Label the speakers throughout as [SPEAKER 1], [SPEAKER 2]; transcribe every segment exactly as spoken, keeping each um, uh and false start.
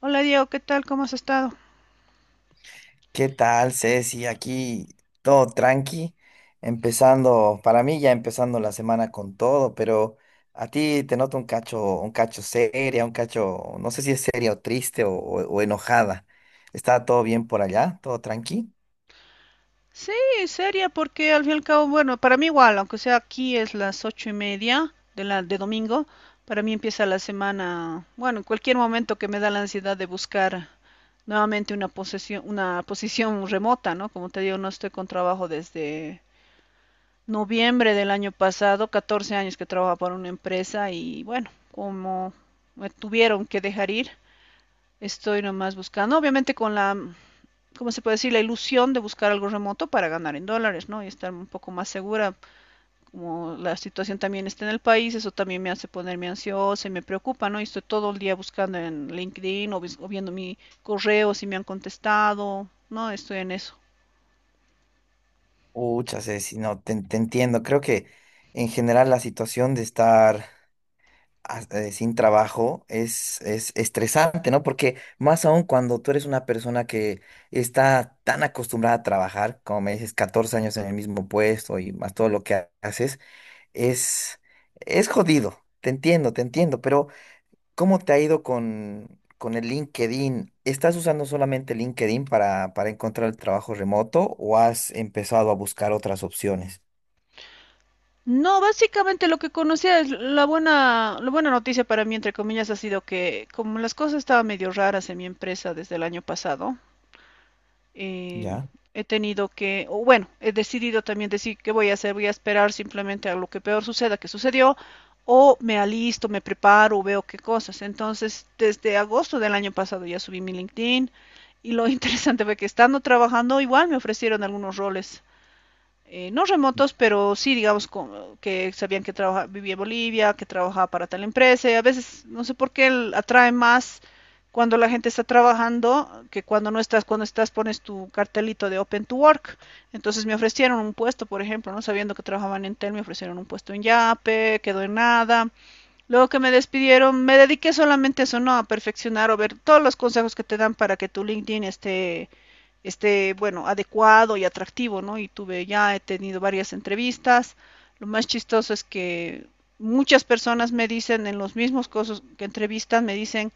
[SPEAKER 1] Hola Diego, ¿qué tal? ¿Cómo has estado?
[SPEAKER 2] ¿Qué tal, Ceci? Aquí todo tranqui, empezando, para mí ya empezando la semana con todo, pero a ti te noto un cacho, un cacho seria, un cacho, no sé si es seria o triste o, o- o enojada. ¿Está todo bien por allá? ¿Todo tranqui?
[SPEAKER 1] Sí, seria, porque al fin y al cabo, bueno, para mí igual, aunque sea aquí es las ocho y media de la de domingo, para mí empieza la semana, bueno, en cualquier momento que me da la ansiedad de buscar nuevamente una posesión, una posición remota, ¿no? Como te digo, no estoy con trabajo desde noviembre del año pasado, catorce años que trabajo para una empresa y bueno, como me tuvieron que dejar ir, estoy nomás buscando, obviamente con la, como se puede decir?, la ilusión de buscar algo remoto para ganar en dólares, ¿no? Y estar un poco más segura, como la situación también está en el país, eso también me hace ponerme ansiosa y me preocupa, ¿no? Y estoy todo el día buscando en LinkedIn o, o viendo mi correo si me han contestado, ¿no? Estoy en eso.
[SPEAKER 2] Ucha, Ceci, no, te, te entiendo. Creo que en general la situación de estar as- eh, sin trabajo es, es estresante, ¿no? Porque más aún cuando tú eres una persona que está tan acostumbrada a trabajar, como me dices, catorce años en el mismo puesto y más todo lo que ha- haces, es, es jodido. Te entiendo, te entiendo, pero ¿cómo te ha ido con, con el LinkedIn? ¿Estás usando solamente LinkedIn para, para encontrar el trabajo remoto o has empezado a buscar otras opciones?
[SPEAKER 1] No, básicamente lo que conocía es la buena, la buena noticia para mí, entre comillas, ha sido que como las cosas estaban medio raras en mi empresa desde el año pasado, eh,
[SPEAKER 2] Ya,
[SPEAKER 1] he tenido que, o bueno, he decidido también decir qué voy a hacer, voy a esperar simplemente a lo que peor suceda que sucedió, o me alisto, me preparo, veo qué cosas. Entonces, desde agosto del año pasado ya subí mi LinkedIn y lo interesante fue que estando trabajando igual me ofrecieron algunos roles, eh, no remotos, pero sí, digamos, con- que sabían que trabaja, vivía en Bolivia, que trabajaba para tal empresa. Y a veces, no sé por qué, el- atrae más cuando la gente está trabajando que cuando no estás. Cuando estás, pones tu cartelito de Open to Work. Entonces me ofrecieron un puesto, por ejemplo, no sabiendo que trabajaban en Tel, me ofrecieron un puesto en Yape, quedó en nada. Luego que me despidieron, me dediqué solamente a eso, ¿no? A perfeccionar o ver todos los consejos que te dan para que tu LinkedIn esté, esté, bueno, adecuado y atractivo, ¿no? Y tuve, ya he tenido varias entrevistas. Lo más chistoso es que muchas personas me dicen en los mismos cosas que entrevistan, me dicen,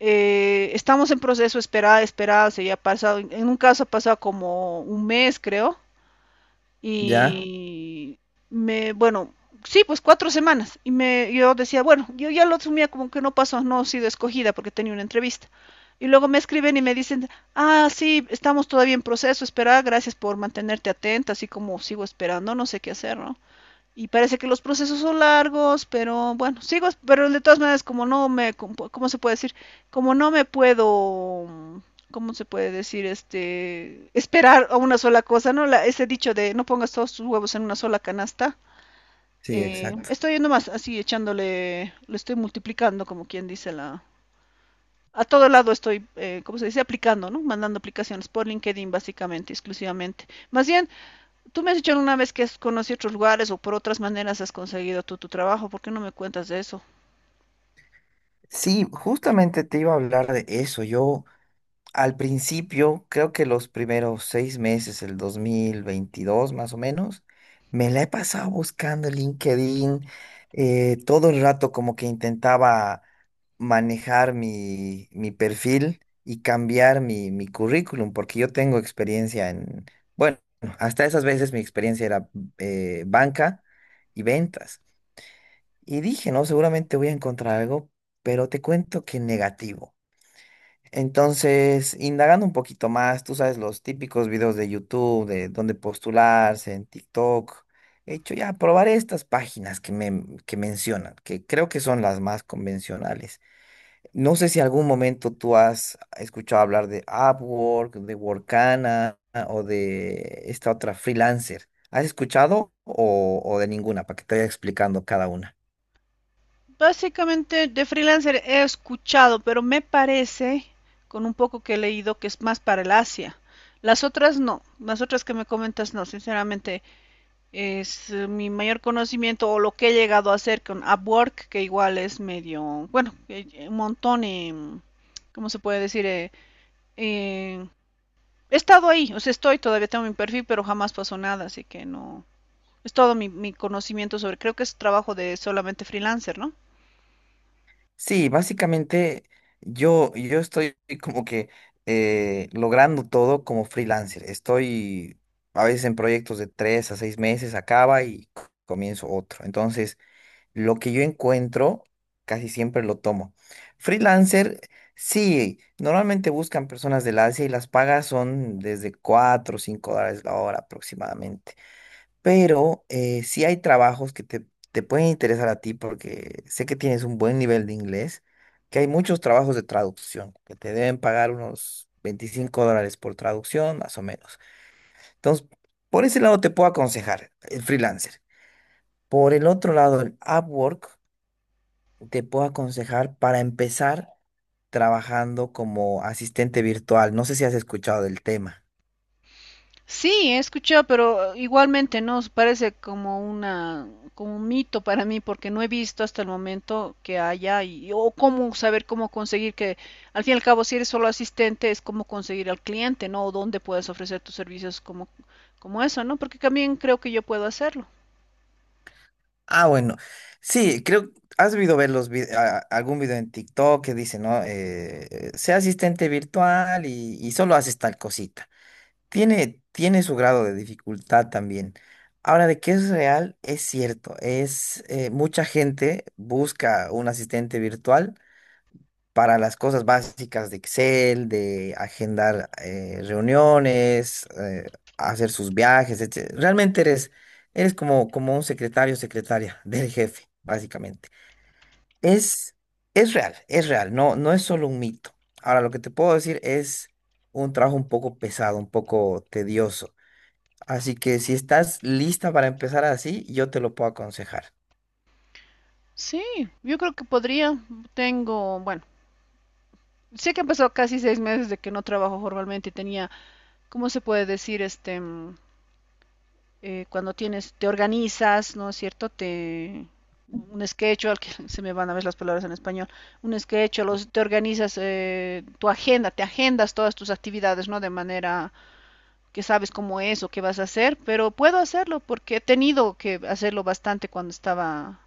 [SPEAKER 1] eh, estamos en proceso, esperada, esperada, se ya ha pasado, en un caso ha pasado como un mes, creo,
[SPEAKER 2] ya,
[SPEAKER 1] y me, bueno, sí, pues cuatro semanas. Y me, yo decía, bueno, yo ya lo asumía como que no pasó, no he sido escogida porque tenía una entrevista. Y luego me escriben y me dicen, ah, sí, estamos todavía en proceso, espera, gracias por mantenerte atenta, así como sigo esperando, no sé qué hacer, ¿no? Y parece que los procesos son largos, pero bueno, sigo, pero de todas maneras, como no me, como, ¿cómo se puede decir? Como no me puedo, ¿cómo se puede decir? Este, esperar a una sola cosa, ¿no? La, ese dicho de no pongas todos tus huevos en una sola canasta.
[SPEAKER 2] sí,
[SPEAKER 1] Eh,
[SPEAKER 2] exacto.
[SPEAKER 1] estoy yendo más así, echándole, le estoy multiplicando, como quien dice la... A todo lado estoy, eh, ¿cómo se dice? Aplicando, ¿no? Mandando aplicaciones por LinkedIn, básicamente, exclusivamente. Más bien, tú me has dicho una vez que has conocido otros lugares o por otras maneras has conseguido tú tu trabajo. ¿Por qué no me cuentas de eso?
[SPEAKER 2] Sí, justamente te iba a hablar de eso. Yo al principio, creo que los primeros seis meses, el dos mil veintidós más o menos, me la he pasado buscando LinkedIn, eh, todo el rato como que intentaba manejar mi, mi perfil y cambiar mi, mi currículum, porque yo tengo experiencia en, bueno, hasta esas veces mi experiencia era eh, banca y ventas. Y dije, no, seguramente voy a encontrar algo, pero te cuento que negativo. Entonces, indagando un poquito más, tú sabes, los típicos videos de YouTube, de dónde postularse, en TikTok, he hecho ya probaré estas páginas que me que mencionan, que creo que son las más convencionales. No sé si algún momento tú has escuchado hablar de Upwork, de Workana o de esta otra freelancer. ¿Has escuchado o, o de ninguna para que te vaya explicando cada una?
[SPEAKER 1] Básicamente de freelancer he escuchado, pero me parece, con un poco que he leído, que es más para el Asia. Las otras no, las otras que me comentas no, sinceramente es eh, mi mayor conocimiento o lo que he llegado a hacer con Upwork, que igual es medio, bueno, eh, un montón, eh, ¿cómo se puede decir? Eh, eh, he estado ahí, o sea, estoy, todavía tengo mi perfil, pero jamás pasó nada, así que no, es todo mi, mi conocimiento sobre, creo que es trabajo de solamente freelancer, ¿no?
[SPEAKER 2] Sí, básicamente yo, yo estoy como que eh, logrando todo como freelancer. Estoy a veces en proyectos de tres a seis meses, acaba y c- comienzo otro. Entonces, lo que yo encuentro, casi siempre lo tomo. Freelancer, sí, normalmente buscan personas del Asia y las pagas son desde cuatro o cinco dólares la hora aproximadamente. Pero eh, sí hay trabajos que te, te pueden interesar a ti porque sé que tienes un buen nivel de inglés, que hay muchos trabajos de traducción, que te deben pagar unos veinticinco dólares por traducción, más o menos. Entonces, por ese lado te puedo aconsejar el freelancer. Por el otro lado, el Upwork te puedo aconsejar para empezar trabajando como asistente virtual. No sé si has escuchado del tema.
[SPEAKER 1] Sí, he escuchado, pero eh, igualmente no parece como una como un mito para mí porque no he visto hasta el momento que haya y o cómo saber cómo conseguir que al fin y al cabo si eres solo asistente es cómo conseguir al cliente, ¿no? O dónde puedes ofrecer tus servicios como como eso, ¿no? Porque también creo que yo puedo hacerlo.
[SPEAKER 2] Ah, bueno. Sí, creo, has debido ver los vide- a- algún video en TikTok que dice, ¿no? Eh, sea asistente virtual y, y solo haces tal cosita. Tiene, tiene su grado de dificultad también. Ahora, de que es real, es cierto. Es, eh, mucha gente busca un asistente virtual para las cosas básicas de Excel, de agendar eh, reuniones, eh, hacer sus viajes, etcétera. Realmente eres, eres como, como un secretario o secretaria del jefe, básicamente. Es, es real, es real, no, no es solo un mito. Ahora, lo que te puedo decir es un trabajo un poco pesado, un poco tedioso. Así que si estás lista para empezar así, yo te lo puedo aconsejar.
[SPEAKER 1] Sí, yo creo que podría. Tengo, bueno, sé que han pasado casi seis meses de que no trabajo formalmente y tenía, ¿cómo se puede decir? Este, mm, eh, cuando tienes, te organizas, ¿no es cierto? Te, un sketch, al que se me van a ver las palabras en español, un sketch, los, te organizas eh, tu agenda, te agendas todas tus actividades, ¿no? De manera que sabes cómo es o qué vas a hacer, pero puedo hacerlo porque he tenido que hacerlo bastante cuando estaba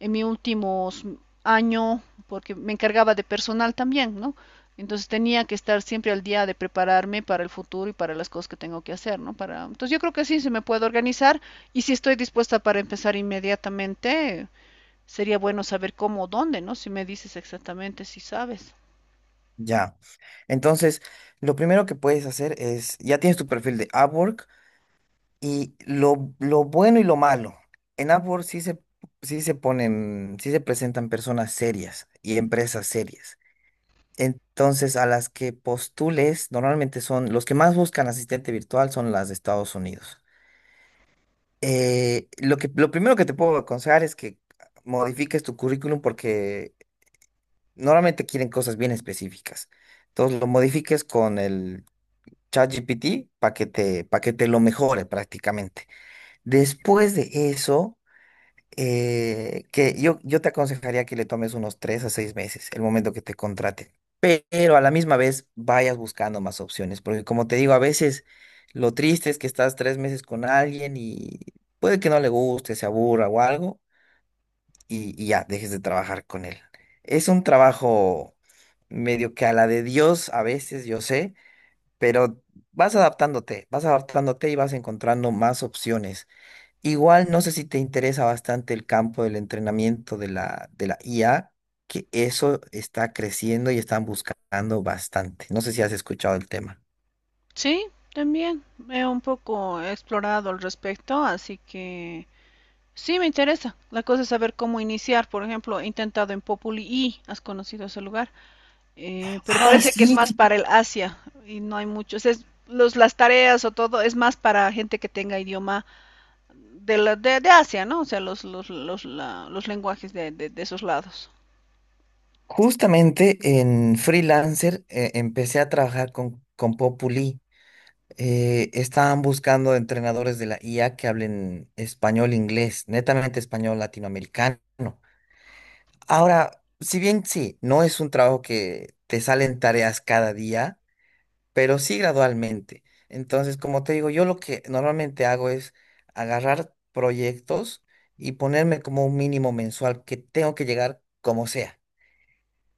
[SPEAKER 1] en mi últimos año, porque me encargaba de personal también, ¿no? Entonces tenía que estar siempre al día de prepararme para el futuro y para las cosas que tengo que hacer, ¿no? Para, entonces yo creo que sí, se me puede organizar y si estoy dispuesta para empezar inmediatamente, sería bueno saber cómo o dónde, ¿no? Si me dices exactamente si sabes.
[SPEAKER 2] Ya. Entonces, lo primero que puedes hacer es, ya tienes tu perfil de Upwork, y lo, lo bueno y lo malo. En Upwork sí se, sí se ponen, sí se presentan personas serias y empresas serias. Entonces, a las que postules, normalmente son los que más buscan asistente virtual son las de Estados Unidos. Eh, lo que, lo primero que te puedo aconsejar es que modifiques tu currículum porque normalmente quieren cosas bien específicas. Entonces, lo modifiques con el ChatGPT para que te, para que te lo mejore prácticamente. Después de eso eh, que yo, yo te aconsejaría que le tomes unos tres a seis meses, el momento que te contraten. Pero a la misma vez vayas buscando más opciones, porque como te digo, a veces lo triste es que estás tres meses con alguien y puede que no le guste, se aburra o algo, y, y ya dejes de trabajar con él. Es un trabajo medio que a la de Dios a veces, yo sé, pero vas adaptándote, vas adaptándote y vas encontrando más opciones. Igual no sé si te interesa bastante el campo del entrenamiento de la, de la I A, que eso está creciendo y están buscando bastante. No sé si has escuchado el tema.
[SPEAKER 1] Sí, también he un poco explorado al respecto, así que sí me interesa. La cosa es saber cómo iniciar. Por ejemplo, he intentado en Populi y has conocido ese lugar. Eh, pero
[SPEAKER 2] Ay,
[SPEAKER 1] parece que es
[SPEAKER 2] sí,
[SPEAKER 1] más
[SPEAKER 2] sí.
[SPEAKER 1] para el Asia y no hay muchos. Es, los, las tareas o todo es más para gente que tenga idioma de, la, de, de Asia, ¿no? O sea, los, los, los, la- los lenguajes de, de- de esos lados.
[SPEAKER 2] Justamente en Freelancer eh, empecé a trabajar con, con Populi. Eh, estaban buscando entrenadores de la I A que hablen español, inglés, netamente español latinoamericano. Ahora, si bien sí, no es un trabajo que te salen tareas cada día, pero sí gradualmente. Entonces, como te digo, yo lo que normalmente hago es agarrar proyectos y ponerme como un mínimo mensual que tengo que llegar como sea.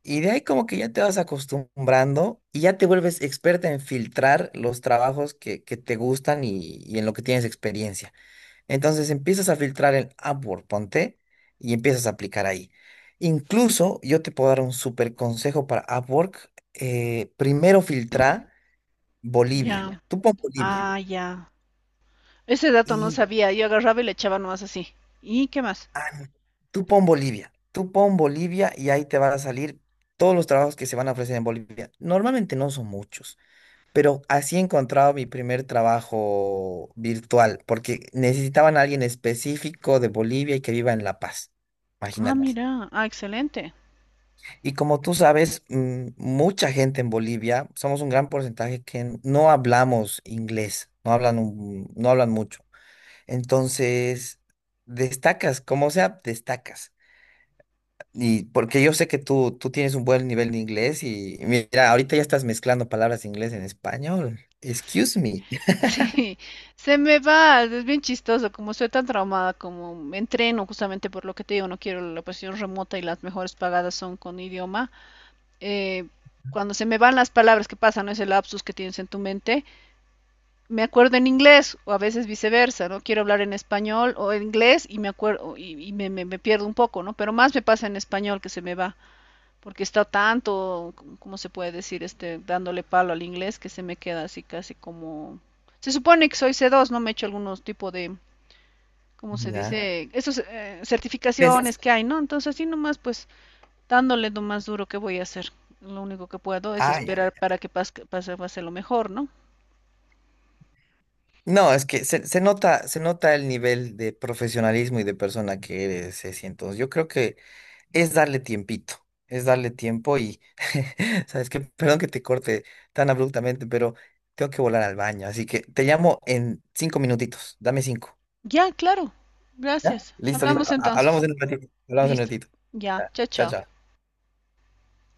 [SPEAKER 2] Y de ahí como que ya te vas acostumbrando y ya te vuelves experta en filtrar los trabajos que, que te gustan y, y en lo que tienes experiencia. Entonces empiezas a filtrar en Upwork, ponte, y empiezas a aplicar ahí. Incluso yo te puedo dar un súper consejo para Upwork. Eh, primero filtra Bolivia.
[SPEAKER 1] Ya.
[SPEAKER 2] Tú pon Bolivia.
[SPEAKER 1] Ah, ya. Ese dato no
[SPEAKER 2] Y
[SPEAKER 1] sabía. Yo agarraba y le echaba nomás así. ¿Y qué más?
[SPEAKER 2] ah, no, tú pon Bolivia. Tú pon Bolivia y ahí te van a salir todos los trabajos que se van a ofrecer en Bolivia. Normalmente no son muchos, pero así he encontrado mi primer trabajo virtual, porque necesitaban a alguien específico de Bolivia y que viva en La Paz.
[SPEAKER 1] Ah,
[SPEAKER 2] Imagínate.
[SPEAKER 1] mira. Ah, excelente.
[SPEAKER 2] Y como tú sabes, mm, mucha gente en Bolivia, somos un gran porcentaje que no hablamos inglés, no hablan, un- no hablan mucho. Entonces, destacas, como sea, destacas. Y porque yo sé que tú, tú tienes un buen nivel de inglés y mira, ahorita ya estás mezclando palabras de inglés en español. Excuse me.
[SPEAKER 1] Sí, se me va. Es bien chistoso. Como soy tan traumada, como me entreno justamente por lo que te digo, no quiero la posición remota y las mejores pagadas son con idioma. eh, cuando se me van las palabras qué pasa, ¿no? Ese lapsus que tienes en tu mente, me acuerdo en inglés o a veces viceversa, ¿no? Quiero hablar en español o en inglés y me acuerdo y, y me, me, me, pierdo un poco, ¿no? Pero más me pasa en español que se me va, porque está tanto, ¿cómo se puede decir? Este, dándole palo al inglés que se me queda así casi como... Se supone que soy C dos, ¿no? Me he hecho algunos tipo de, ¿cómo se
[SPEAKER 2] Ya.
[SPEAKER 1] dice? Esas eh, certificaciones
[SPEAKER 2] Des-
[SPEAKER 1] que hay, ¿no? Entonces así nomás pues dándole lo más duro que voy a hacer. Lo único que puedo es
[SPEAKER 2] ah, ya.
[SPEAKER 1] esperar para que pas- pase, pase lo mejor, ¿no?
[SPEAKER 2] No, es que se, se nota, se nota el nivel de profesionalismo y de persona que eres, Ceci. Entonces, yo creo que es darle tiempito, es darle tiempo y, sabes que, perdón que te corte tan abruptamente, pero tengo que volar al baño, así que te llamo en cinco minutitos, dame cinco.
[SPEAKER 1] Ya, claro.
[SPEAKER 2] ¿Ya?
[SPEAKER 1] Gracias.
[SPEAKER 2] Listo,
[SPEAKER 1] Hablamos
[SPEAKER 2] listo. Ha- Hablamos
[SPEAKER 1] entonces.
[SPEAKER 2] en un ratito, hablamos en un
[SPEAKER 1] Listo.
[SPEAKER 2] ratito.
[SPEAKER 1] Ya.
[SPEAKER 2] Ya,
[SPEAKER 1] Chao,
[SPEAKER 2] chao,
[SPEAKER 1] chao.
[SPEAKER 2] chao.